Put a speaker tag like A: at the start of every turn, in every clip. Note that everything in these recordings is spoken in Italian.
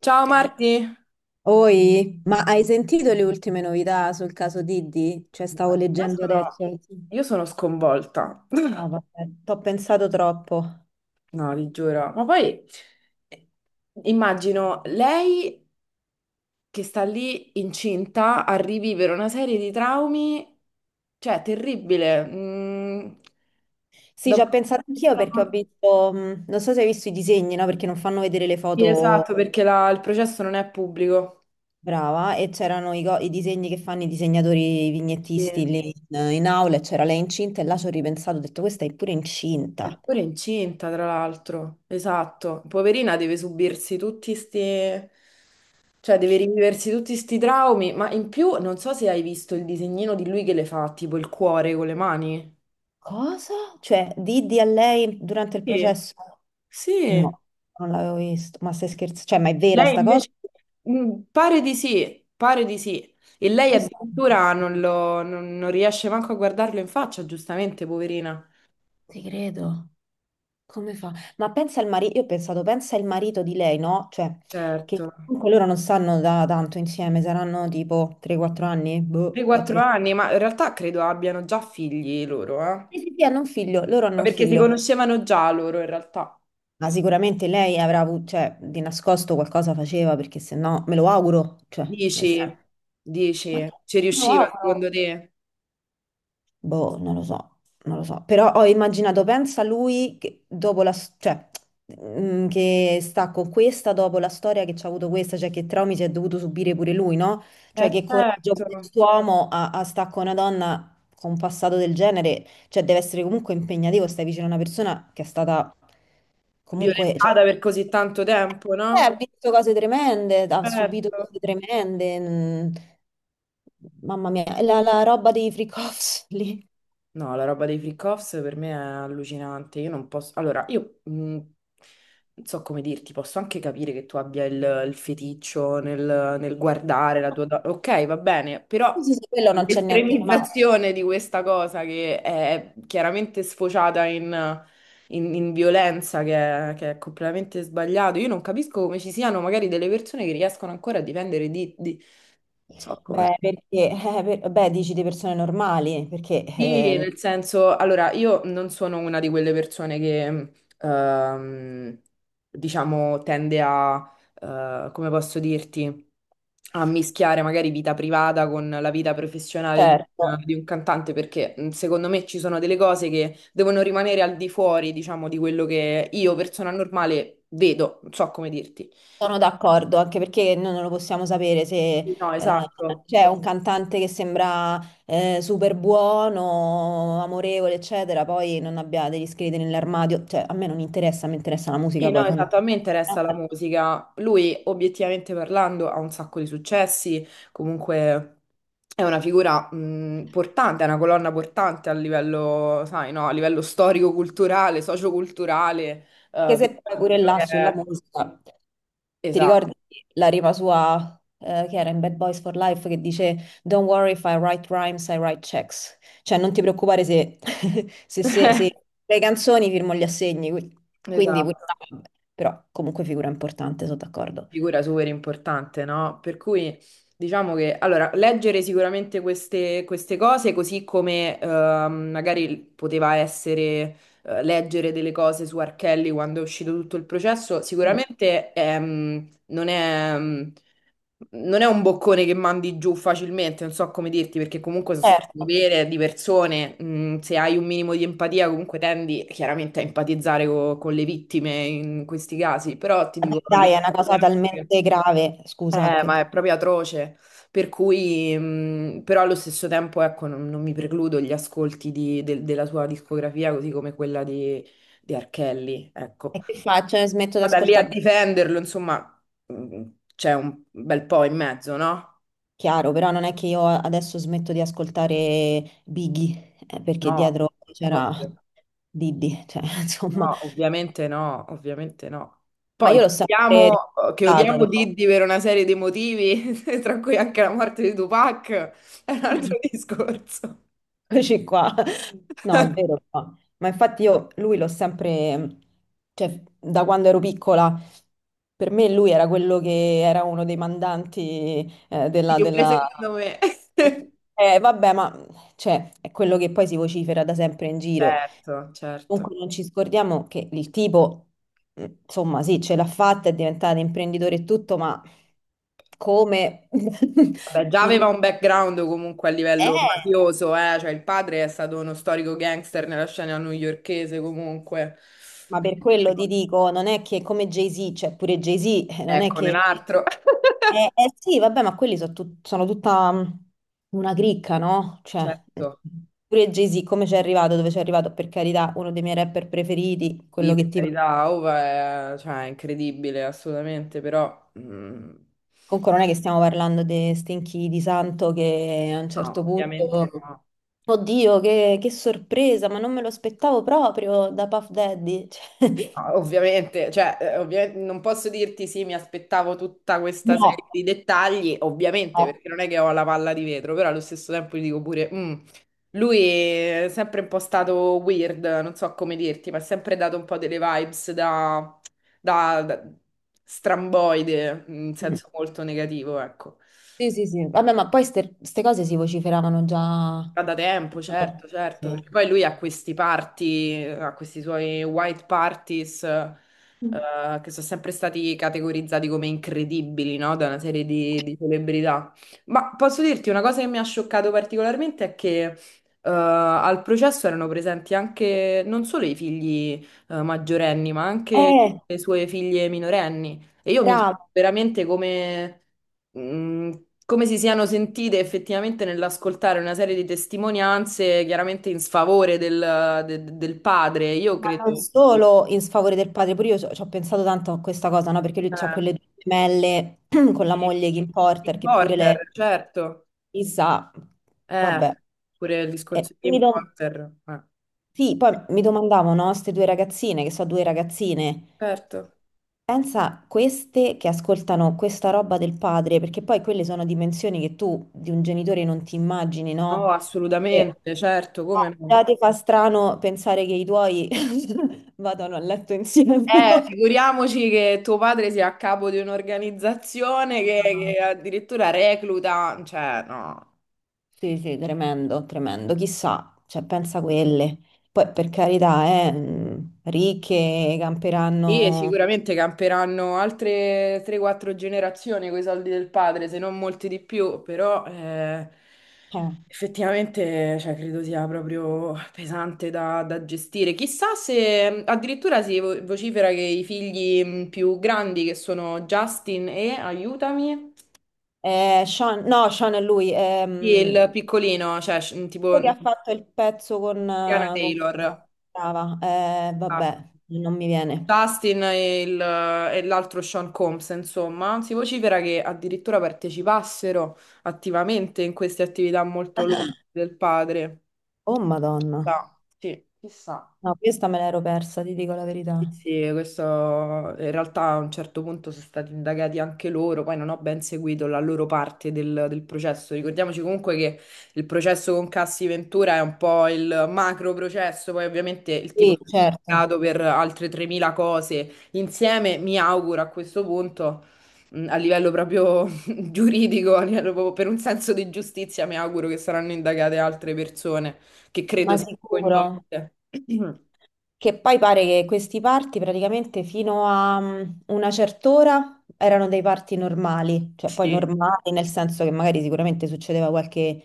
A: Ciao Marti.
B: Oi, ma hai sentito le ultime novità sul caso Diddy? Cioè, stavo
A: Io
B: leggendo
A: sono-
B: adesso. Sì.
A: io sono sconvolta.
B: No, vabbè, t'ho pensato troppo.
A: No, vi giuro. Ma poi eh, immagino lei che sta lì incinta a rivivere una serie di traumi, cioè terribile. Mm,
B: Sì,
A: da
B: ci
A: un
B: ho
A: punto
B: pensato
A: di
B: anch'io
A: vista-
B: perché ho visto, non so se hai visto i disegni, no? Perché non fanno vedere le
A: Sì, esatto,
B: foto,
A: perché il processo non è pubblico.
B: brava, e c'erano i disegni che fanno i disegnatori, i
A: Sì.
B: vignettisti lì in aula, e c'era lei incinta e là ci ho ripensato, ho detto, questa è pure
A: È
B: incinta.
A: pure incinta, tra l'altro. Esatto. Poverina deve subirsi tutti questi. Cioè, deve riviversi tutti sti traumi, ma in più non so se hai visto il disegnino di lui che le fa, tipo il cuore con le mani.
B: Cosa? Cioè, Diddy a lei durante il
A: Sì.
B: processo?
A: Sì,
B: No, non l'avevo visto, ma stai scherzando? Cioè, ma è vera
A: Lei
B: sta cosa?
A: invece. Pare di sì, pare di sì. E lei
B: Questa-
A: addirittura non, lo- non- non riesce manco a guardarlo in faccia, giustamente, poverina.
B: Ti credo, come fa? Ma pensa al marito, io ho pensato, pensa il marito di lei, no? Cioè,
A: Certo.
B: che comunque loro non stanno da tanto insieme, saranno tipo 3-4 anni, boh, 4...
A: 3-4
B: Sì,
A: anni, ma in realtà credo abbiano già figli loro, eh? Ma
B: sì, sì, hanno un figlio, loro hanno un
A: perché si
B: figlio,
A: conoscevano già loro, in realtà.
B: ma sicuramente lei avrà avuto, cioè, di nascosto qualcosa faceva, perché se no, me lo auguro, cioè, nel senso,
A: Dici,
B: ma
A: dici,
B: che-
A: ci
B: me lo
A: riusciva secondo
B: auguro.
A: te?
B: Boh, non lo so, non lo so. Però ho immaginato, pensa lui che cioè, che sta con questa dopo la storia che c'ha avuto questa, cioè che traumi si è dovuto subire pure lui, no?
A: Eh
B: Cioè che
A: certo.
B: coraggio quest'uomo a sta con una donna con un passato del genere, cioè, deve essere comunque impegnativo, stai vicino a una persona che è stata comunque, cioè,
A: Violentata per così tanto tempo,
B: ha
A: no?
B: visto cose tremende, ha subito
A: Certo.
B: cose tremende. Mm. Mamma mia, la roba dei freak offs lì.
A: No, la roba dei freak-offs per me è allucinante. Io non posso. Allora, io non so come dirti, posso anche capire che tu abbia il feticcio nel guardare la tua. Ok, va bene, però
B: Sì, sì, sì, quello non c'è niente di male.
A: l'estremizzazione di questa cosa che è chiaramente sfociata in violenza che è completamente sbagliato. Io non capisco come ci siano magari delle persone che riescono ancora a difendere . Non so
B: Beh,
A: come.
B: perché, beh, dici di persone normali, perché
A: Sì, nel senso, allora io non sono una di quelle persone che, ehm, diciamo, tende a, come posso dirti, a mischiare magari vita privata con la vita professionale di,
B: certo,
A: di un cantante, perché secondo me ci sono delle cose che devono rimanere al di fuori, diciamo, di quello che io, persona normale, vedo, non so come dirti.
B: sono d'accordo, anche perché noi non lo possiamo sapere se
A: No,
B: eh,
A: esatto.
B: c'è un cantante che sembra super buono, amorevole, eccetera, poi non abbia degli scheletri nell'armadio, cioè a me non interessa, mi interessa la
A: Sì,
B: musica
A: no,
B: poi
A: esatto, a me interessa la
B: fondamentalmente.
A: musica. Lui, obiettivamente parlando, ha un sacco di successi, comunque è una figura portante, è una colonna portante a livello, sai, no, a livello storico-culturale, socioculturale,
B: Anche se poi
A: per
B: pure
A: quello
B: là
A: che
B: sulla
A: è.
B: musica, ti
A: Esatto.
B: ricordi la rima sua che era in Bad Boys for Life che dice Don't worry if I write rhymes, I write checks. Cioè non ti preoccupare se, se le canzoni firmo gli assegni. Quindi, pure
A: Esatto.
B: là, però comunque figura importante, sono d'accordo.
A: Figura super importante, no? Per cui diciamo che allora, leggere sicuramente queste, queste cose, così come magari poteva essere leggere delle cose su Archelli quando è uscito tutto il processo,
B: Mm.
A: sicuramente non è un boccone che mandi giù facilmente, non so come dirti, perché comunque sono storie
B: Certo,
A: vere di persone, se hai un minimo di empatia comunque tendi chiaramente a empatizzare con le vittime in questi casi, però ti
B: vabbè,
A: dico... allo
B: dai, è una cosa
A: sì.
B: talmente grave, scusa, che,
A: Ma è proprio atroce, per cui, però allo stesso tempo, ecco, non mi precludo gli ascolti della sua discografia, così come quella di Archelli, ecco.
B: e che faccio? Smetto di
A: Poi da lì a
B: ascoltare.
A: difenderlo, insomma, mh, c'è un bel po' in mezzo, no?
B: Chiaro, però non è che io adesso smetto di ascoltare Biggie, perché
A: No,
B: dietro c'era
A: ovvio.
B: Diddy, cioè, insomma,
A: No, ovviamente no, ovviamente no.
B: ma
A: Poi
B: io
A: che
B: l'ho sempre
A: odiamo, che odiamo
B: ascoltato,
A: Diddy per una serie di motivi, tra cui anche la morte di Tupac, è un
B: però.
A: altro discorso.
B: Eccoci qua. No, è vero, però. Ma infatti io lui l'ho sempre, cioè, da quando ero piccola, per me lui era quello che era uno dei mandanti
A: Sì,
B: della,
A: pure
B: della...
A: secondo me.
B: Vabbè, ma cioè, è quello che poi si vocifera da sempre in giro.
A: Certo, certo.
B: Comunque non ci scordiamo che il tipo, insomma, sì, ce l'ha fatta, è diventato imprenditore e tutto, ma come?
A: Vabbè, già
B: Non-
A: aveva un background comunque a livello
B: Eh,
A: mafioso, eh? Cioè il padre è stato uno storico gangster nella scena newyorkese comunque.
B: ma per
A: Quindi,
B: quello
A: tipo,
B: ti dico, non è che come Jay-Z, cioè pure Jay-Z, non è
A: ecco, un
B: che...
A: altro.
B: Eh sì, vabbè, ma quelli sono tutta una cricca, no? Cioè, mh,
A: Certo,
B: pure Jay-Z, come ci è arrivato, dove ci è arrivato, per carità, uno dei miei rapper preferiti,
A: sì,
B: quello che
A: per
B: ti
A: carità, Ova è, cioè, è incredibile, assolutamente, però
B: comunque non è che stiamo parlando di stinchi di santo che a un
A: no,
B: certo
A: ovviamente
B: punto,
A: no.
B: oddio, che sorpresa, ma non me lo aspettavo proprio da Puff Daddy. Cioè,
A: Ah, ovviamente, cioè, ovviamente non posso dirti sì, mi aspettavo tutta questa serie
B: no,
A: di dettagli, ovviamente,
B: no.
A: perché non è che ho la palla di vetro, però allo stesso tempo gli dico pure, "Lui è sempre un po' stato weird, non so come dirti, ma ha sempre dato un po' delle vibes da, da stramboide, in
B: Mm.
A: senso molto negativo, ecco.
B: Sì, sì, sì. Vabbè, ma poi queste cose si vociferavano già.
A: Ah, da tempo, certo, certo,
B: Sì.
A: perché poi lui ha questi party, ha questi suoi white parties,
B: Mm.
A: che sono sempre stati categorizzati come incredibili, no? Da una serie di celebrità. Ma posso dirti una cosa che mi ha scioccato particolarmente è che, al processo erano presenti anche non solo i figli, maggiorenni, ma anche
B: Eh,
A: le sue figlie minorenni. E io mi chiedo
B: bravo.
A: veramente mh, come si siano sentite effettivamente nell'ascoltare una serie di testimonianze chiaramente in sfavore del padre. Io
B: Ma
A: credo.
B: non solo in sfavore del padre, pure io ci ho pensato tanto a questa cosa, no? Perché lui ha
A: Eh,
B: quelle due gemelle con la
A: sì,
B: moglie Kim Porter,
A: Tim
B: che pure lei,
A: Porter, certo.
B: chissà,
A: Eh,
B: vabbè.
A: pure il
B: E
A: discorso di
B: mi
A: Tim
B: dom-
A: Porter. Eh,
B: sì, poi mi domandavo, no, queste due ragazzine, che sono due ragazzine,
A: certo.
B: pensa queste che ascoltano questa roba del padre, perché poi quelle sono dimensioni che tu di un genitore non ti immagini,
A: No,
B: no? E,
A: assolutamente, certo, come
B: no,
A: no.
B: già ti fa strano pensare che i tuoi vadano a letto insieme, no?
A: Figuriamoci che tuo padre sia a capo di un'organizzazione che,
B: Ah,
A: che addirittura recluta, cioè, no.
B: sì, sì, tremendo, tremendo, chissà, cioè pensa a quelle. Poi per carità, ricche,
A: Sì, e
B: camperanno...
A: sicuramente camperanno altre 3-4 generazioni con i soldi del padre, se non molti di più, però effettivamente cioè, credo sia proprio pesante da gestire. Chissà se addirittura si vocifera che i figli più grandi, che sono Justin e, aiutami,
B: Sean, no, Sean è lui,
A: e il piccolino, cioè tipo
B: quello che ha fatto il pezzo
A: Tiana
B: con...
A: Taylor.
B: Brava,
A: Ah.
B: vabbè, non mi viene.
A: Justin e l'altro Sean Combs, insomma, si vocifera che addirittura partecipassero attivamente in queste attività molto lodevoli del padre.
B: Oh Madonna.
A: Chissà.
B: No, questa me l'ero persa, ti dico la verità.
A: Sì, sì, questo in realtà a un certo punto sono stati indagati anche loro, poi non ho ben seguito la loro parte del processo. Ricordiamoci comunque che il processo con Cassi Ventura è un po' il macro processo, poi ovviamente il tipo
B: Sì,
A: è
B: certo,
A: stato per altre 3.000 cose insieme, mi auguro a questo punto, a livello proprio giuridico, a livello proprio per un senso di giustizia, mi auguro che saranno indagate altre persone che
B: ma
A: credo siano
B: sicuro.
A: coinvolte.
B: Che poi pare che questi party praticamente fino a una certa ora erano dei party normali, cioè poi
A: Sì,
B: normali nel senso che magari sicuramente succedeva qualche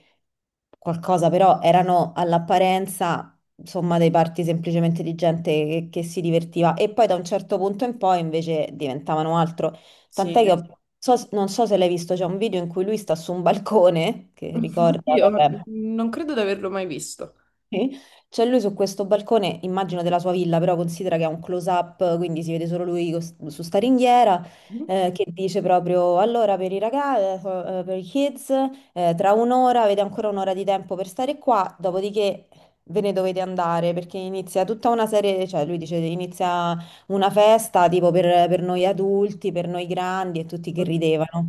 B: qualcosa, però erano all'apparenza insomma dei party semplicemente di gente che si divertiva e poi da un certo punto in poi invece diventavano altro. Tant'è
A: sì.
B: che non so se l'hai visto, c'è un video in cui lui sta su un balcone, che ricorda,
A: Io
B: vabbè.
A: non credo di averlo mai visto.
B: Sì. C'è lui su questo balcone, immagino della sua villa, però considera che è un close-up, quindi si vede solo lui su sta ringhiera,
A: Mhm.
B: che dice proprio, allora per i ragazzi, per i kids, tra un'ora, avete ancora un'ora di tempo per stare qua, dopodiché ve ne dovete andare, perché inizia tutta una serie, cioè lui dice, inizia una festa tipo per noi adulti, per noi grandi e tutti che
A: Oddio.
B: ridevano.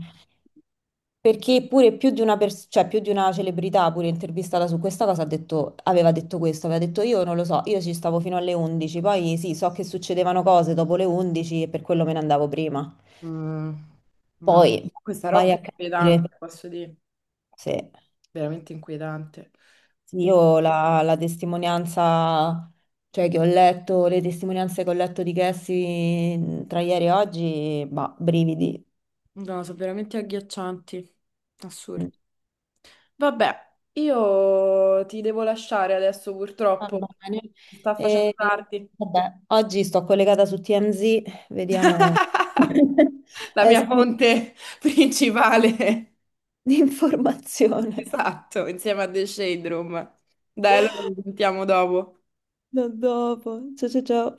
B: Perché pure più di una, cioè più di una celebrità, pure intervistata su questa cosa, ha detto, aveva detto questo, aveva detto io non lo so, io ci stavo fino alle 11, poi sì, so che succedevano cose dopo le 11 e per quello me ne andavo prima.
A: Mm, no,
B: Poi
A: questa roba
B: vai
A: è
B: a capire
A: inquietante, posso dire,
B: se
A: veramente inquietante.
B: sì,
A: E-
B: io la testimonianza, cioè che ho letto, le testimonianze che ho letto di Cassie tra ieri e oggi, bah, brividi.
A: no, sono veramente agghiaccianti, assurdi.
B: Mm.
A: Vabbè, io ti devo lasciare adesso
B: Va
A: purtroppo,
B: bene.
A: si sta facendo
B: E,
A: tardi.
B: vabbè, oggi sto collegata su TMZ, vediamo.
A: La
B: Eh
A: mia
B: sì,
A: fonte principale,
B: l'informazione.
A: esatto, insieme a The Shade Room. Dai, allora ci sentiamo dopo.
B: Da dopo. Ciao ciao ciao.